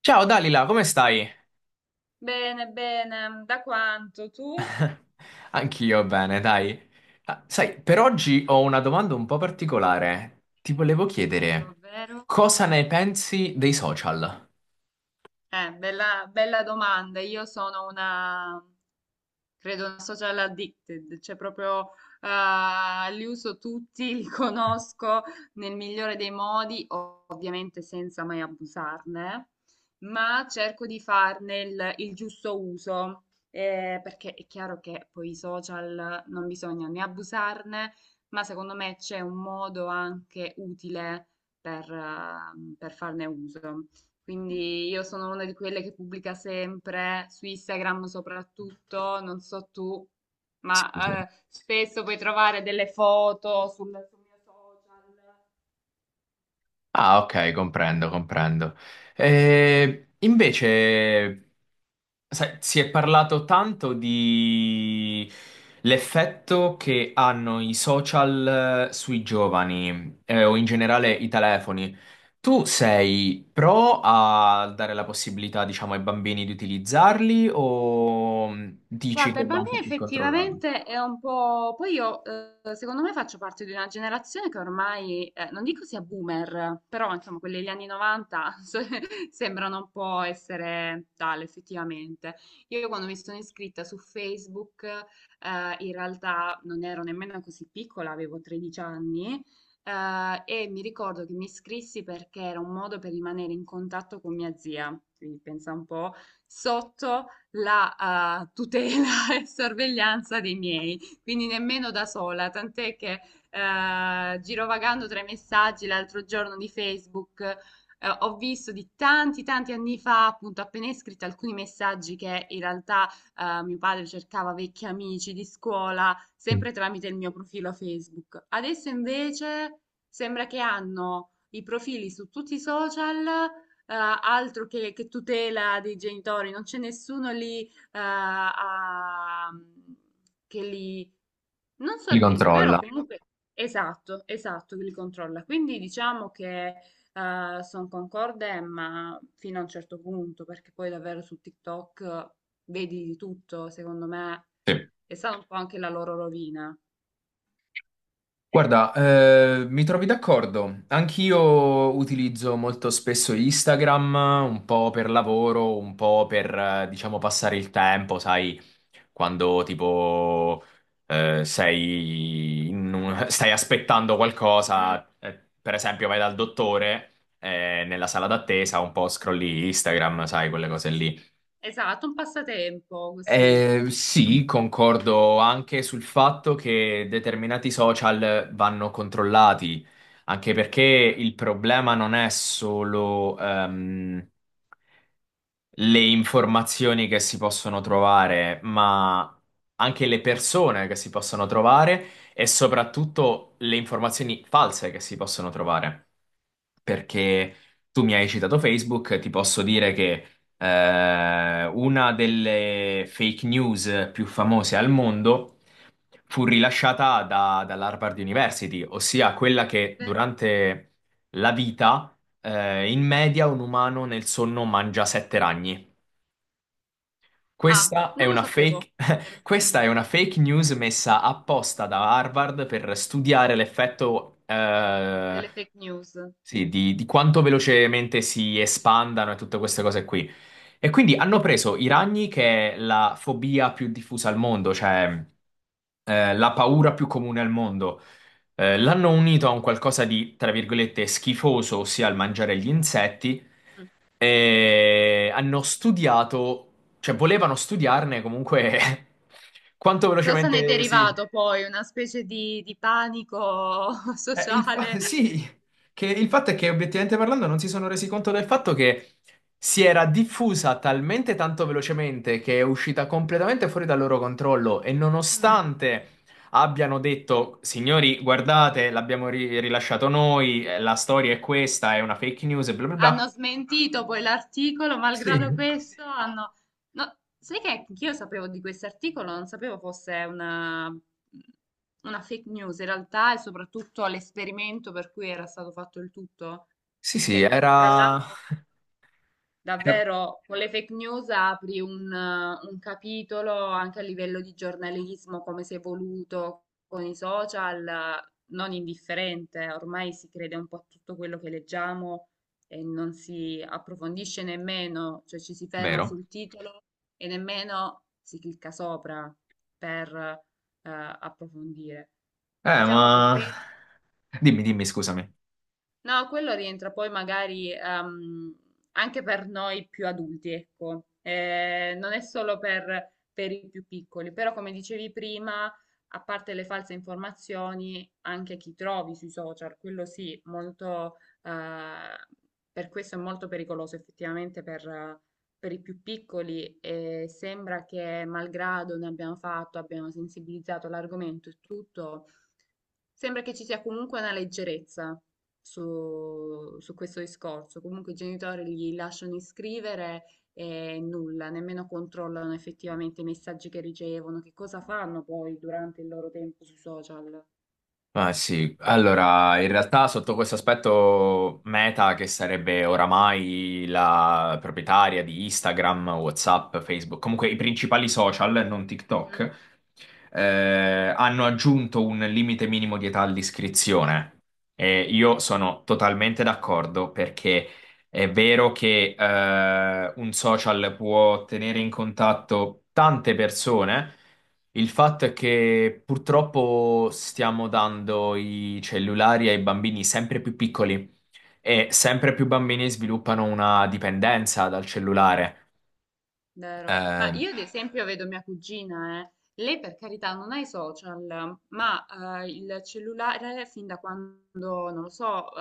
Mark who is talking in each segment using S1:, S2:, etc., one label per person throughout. S1: Ciao Dalila, come stai?
S2: Bene, bene, da quanto tu?
S1: Anch'io bene, dai. Ah, sai, per oggi ho una domanda un po' particolare. Ti volevo chiedere
S2: Ovvero?
S1: cosa ne pensi dei social?
S2: Bella, bella domanda. Io sono una Credo una social addicted, cioè proprio li uso tutti, li conosco nel migliore dei modi, ovviamente senza mai abusarne, ma cerco di farne il giusto uso, perché è chiaro che poi i social non bisogna né abusarne, ma secondo me c'è un modo anche utile per, ah, per farne uso. Quindi io sono una di quelle che pubblica sempre su Instagram soprattutto, non so tu,
S1: Sì, sì.
S2: ma spesso puoi trovare delle foto sul mio social.
S1: Ah, ok, comprendo, comprendo. Invece, sai, si è parlato tanto di l'effetto che hanno i social sui giovani, o in generale i telefoni. Tu sei pro a dare la possibilità, diciamo, ai bambini di utilizzarli o dici
S2: Guarda, i
S1: che va un
S2: bambini
S1: po' più controllato?
S2: effettivamente è un po'. Poi io, secondo me, faccio parte di una generazione che ormai, non dico sia boomer, però insomma, quelli degli anni 90 sembrano un po' essere tale, effettivamente. Io quando mi sono iscritta su Facebook, in realtà non ero nemmeno così piccola, avevo 13 anni, e mi ricordo che mi iscrissi perché era un modo per rimanere in contatto con mia zia, quindi pensa un po', sotto la tutela e sorveglianza dei miei, quindi nemmeno da sola, tant'è che girovagando tra i messaggi l'altro giorno di Facebook ho visto di tanti tanti anni fa, appunto appena iscritta, alcuni messaggi che in realtà mio padre cercava vecchi amici di scuola, sempre tramite il mio profilo Facebook. Adesso invece sembra che hanno i profili su tutti i social altro che tutela dei genitori, non c'è nessuno lì eh, a- che li non
S1: Li
S2: sorvegli, però
S1: controlla.
S2: comunque esatto, esatto, che li controlla. Quindi diciamo che sono concorde, ma fino a un certo punto, perché poi davvero su TikTok vedi di tutto, secondo me
S1: Sì.
S2: è stata un po' anche la loro rovina.
S1: Guarda, mi trovi d'accordo. Anch'io utilizzo molto spesso Instagram, un po' per lavoro, un po' per, diciamo, passare il tempo, sai, quando tipo stai aspettando qualcosa,
S2: Mm,
S1: per esempio vai dal dottore nella sala d'attesa, un po' scrolli Instagram, sai, quelle cose lì.
S2: esatto, un passatempo così.
S1: Sì, concordo anche sul fatto che determinati social vanno controllati, anche perché il problema non è solo le informazioni che si possono trovare, ma anche le persone che si possono trovare e soprattutto le informazioni false che si possono trovare. Perché tu mi hai citato Facebook, ti posso dire che una delle fake news più famose al mondo fu rilasciata dall'Harvard University, ossia quella che
S2: Vabbè.
S1: durante la vita, in media un umano nel sonno mangia sette ragni.
S2: Ah,
S1: Questa è
S2: non lo
S1: una
S2: sapevo.
S1: fake,
S2: Era
S1: questa è una fake news messa apposta da Harvard per studiare l'effetto,
S2: delle fake news.
S1: sì, di quanto velocemente si espandano e tutte queste cose qui. E quindi hanno preso i ragni, che è la fobia più diffusa al mondo, cioè la paura più comune al mondo. L'hanno unito a un qualcosa di, tra virgolette, schifoso, ossia il mangiare gli insetti,
S2: Mm.
S1: e hanno studiato, cioè volevano studiarne comunque quanto
S2: Cosa ne è
S1: velocemente si.
S2: derivato poi? Una specie di panico sociale.
S1: Sì, che il fatto è che, obiettivamente parlando, non si sono resi conto del fatto che si era diffusa talmente tanto velocemente che è uscita completamente fuori dal loro controllo e,
S2: Mm.
S1: nonostante abbiano detto: "Signori, guardate, l'abbiamo rilasciato noi, la storia è questa, è una fake news" e bla bla bla.
S2: Hanno smentito poi l'articolo,
S1: Sì,
S2: malgrado questo hanno. No, sai che io sapevo di questo articolo, non sapevo fosse una fake news in realtà e soprattutto l'esperimento per cui era stato fatto il tutto,
S1: sì, sì,
S2: che tra l'altro.
S1: era
S2: Davvero, con le fake news apri un capitolo anche a livello di giornalismo, come si è evoluto con i social, non indifferente. Ormai si crede un po' a tutto quello che leggiamo e non si approfondisce nemmeno, cioè ci si ferma
S1: vero.
S2: sul titolo e nemmeno si clicca sopra per approfondire.
S1: Eh,
S2: Diciamo che
S1: ma...
S2: questo
S1: Dimmi, dimmi, scusami.
S2: No, quello rientra poi magari anche per noi più adulti, ecco. Non è solo per i più piccoli, però come dicevi prima, a parte le false informazioni, anche chi trovi sui social, quello sì, molto, per questo è molto pericoloso effettivamente per i più piccoli e sembra che malgrado ne abbiamo fatto, abbiamo sensibilizzato l'argomento e tutto. Sembra che ci sia comunque una leggerezza su questo discorso. Comunque i genitori li lasciano iscrivere e nulla, nemmeno controllano effettivamente i messaggi che ricevono, che cosa fanno poi durante il loro tempo sui social.
S1: Ah, sì, allora in realtà sotto questo aspetto Meta, che sarebbe oramai la proprietaria di Instagram, WhatsApp, Facebook, comunque i principali social, non TikTok, eh, hanno aggiunto un limite minimo di età all'iscrizione. E io sono totalmente d'accordo perché è vero che un social può tenere in contatto tante persone. Il fatto è che purtroppo stiamo dando i cellulari ai bambini sempre più piccoli e sempre più bambini sviluppano una dipendenza dal cellulare.
S2: Vero. Ma
S1: Eh,
S2: io ad esempio vedo mia cugina, eh. Lei per carità non ha i social, ma il cellulare fin da quando, non lo so,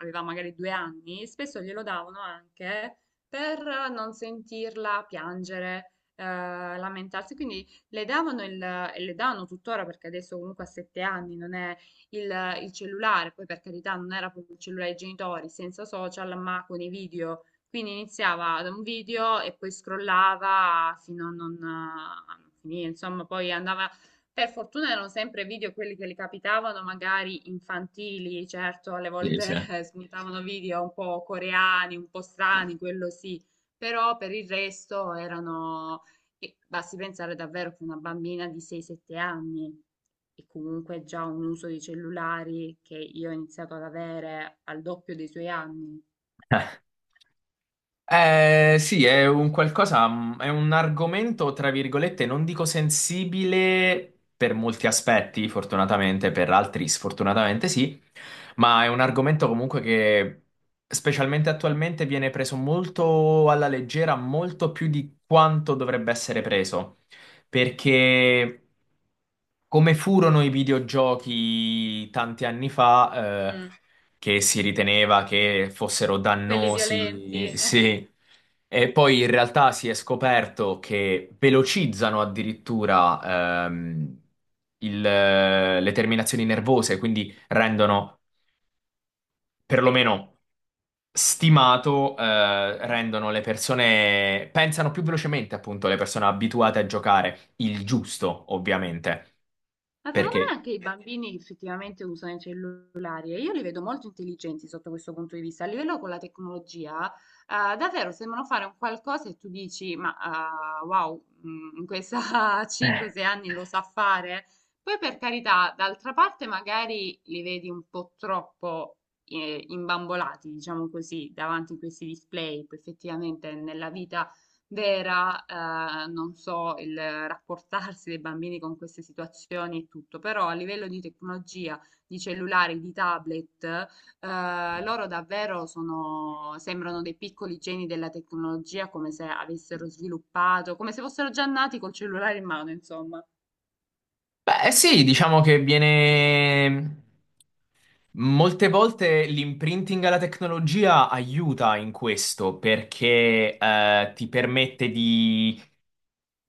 S2: aveva magari 2 anni, spesso glielo davano anche per non sentirla piangere, lamentarsi. Quindi le davano e le danno tuttora perché adesso comunque a 7 anni non è il cellulare, poi per carità non era proprio il cellulare dei genitori, senza social, ma con i video quindi iniziava da un video e poi scrollava fino a non finire, insomma, poi andava. Per fortuna erano sempre video quelli che gli capitavano, magari infantili, certo, alle
S1: Sì, sì.
S2: volte spuntavano video un po' coreani, un po' strani, quello sì, però per il resto e basti pensare davvero che una bambina di 6-7 anni e comunque già un uso di cellulari che io ho iniziato ad avere al doppio dei suoi anni.
S1: Sì, è un qualcosa, è un argomento, tra virgolette, non dico sensibile per molti aspetti, fortunatamente, per altri sfortunatamente sì, ma è un argomento comunque che, specialmente attualmente, viene preso molto alla leggera, molto più di quanto dovrebbe essere preso, perché, come furono i videogiochi tanti anni fa,
S2: Mm.
S1: che si riteneva che fossero
S2: Quelli violenti.
S1: dannosi, sì. E poi in realtà si è scoperto che velocizzano addirittura le terminazioni nervose, quindi rendono, perlomeno stimato,
S2: Mm.
S1: rendono le persone, pensano più velocemente, appunto, le persone abituate a giocare, il giusto, ovviamente.
S2: Ma secondo
S1: Perché
S2: me anche i bambini effettivamente usano i cellulari e io li vedo molto intelligenti sotto questo punto di vista. A livello con la tecnologia, davvero sembrano fare un qualcosa e tu dici, ma wow, in questa 5-6 anni lo sa fare. Poi per carità, d'altra parte magari li vedi un po' troppo imbambolati, diciamo così, davanti a questi display, poi effettivamente nella vita vera, non so, il rapportarsi dei bambini con queste situazioni e tutto, però a livello di tecnologia, di cellulari, di tablet, loro davvero sono, sembrano dei piccoli geni della tecnologia, come se avessero sviluppato, come se fossero già nati col cellulare in mano, insomma.
S1: Beh, sì, diciamo che viene. Molte volte l'imprinting alla tecnologia aiuta in questo perché ti permette di,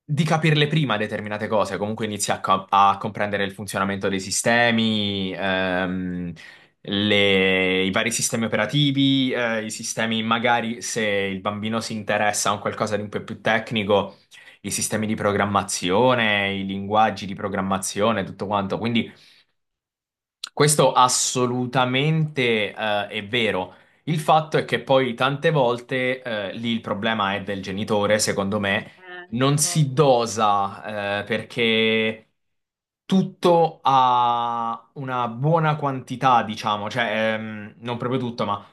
S1: capirle prima determinate cose, comunque inizi a, a comprendere il funzionamento dei sistemi, i vari sistemi operativi, i sistemi, magari se il bambino si interessa a un qualcosa di un po' più tecnico, i sistemi di programmazione, i linguaggi di programmazione, tutto quanto. Quindi questo assolutamente, è vero. Il fatto è che poi tante volte, lì il problema è del genitore, secondo me,
S2: Eh,
S1: non si
S2: concordo.
S1: dosa, perché tutto ha una buona quantità, diciamo, cioè, non proprio tutto, ma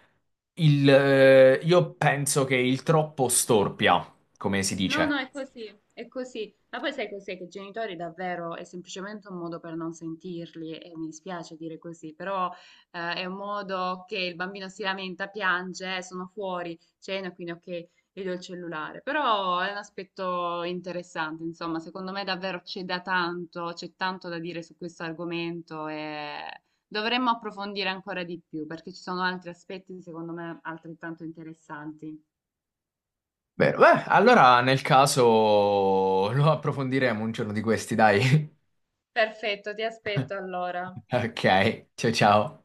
S1: io penso che il troppo storpia, come si
S2: No,
S1: dice.
S2: no, è così, è così. Ma poi sai cos'è? Che i genitori davvero è semplicemente un modo per non sentirli e mi dispiace dire così, però è un modo che il bambino si lamenta, piange, sono fuori, cena, quindi ok, gli do il cellulare". Però è un aspetto interessante, insomma, secondo me davvero c'è tanto da dire su questo argomento e dovremmo approfondire ancora di più perché ci sono altri aspetti, secondo me, altrettanto interessanti.
S1: Vero. Beh, allora nel caso lo approfondiremo un giorno di questi, dai.
S2: Perfetto, ti aspetto allora.
S1: Ok, ciao ciao.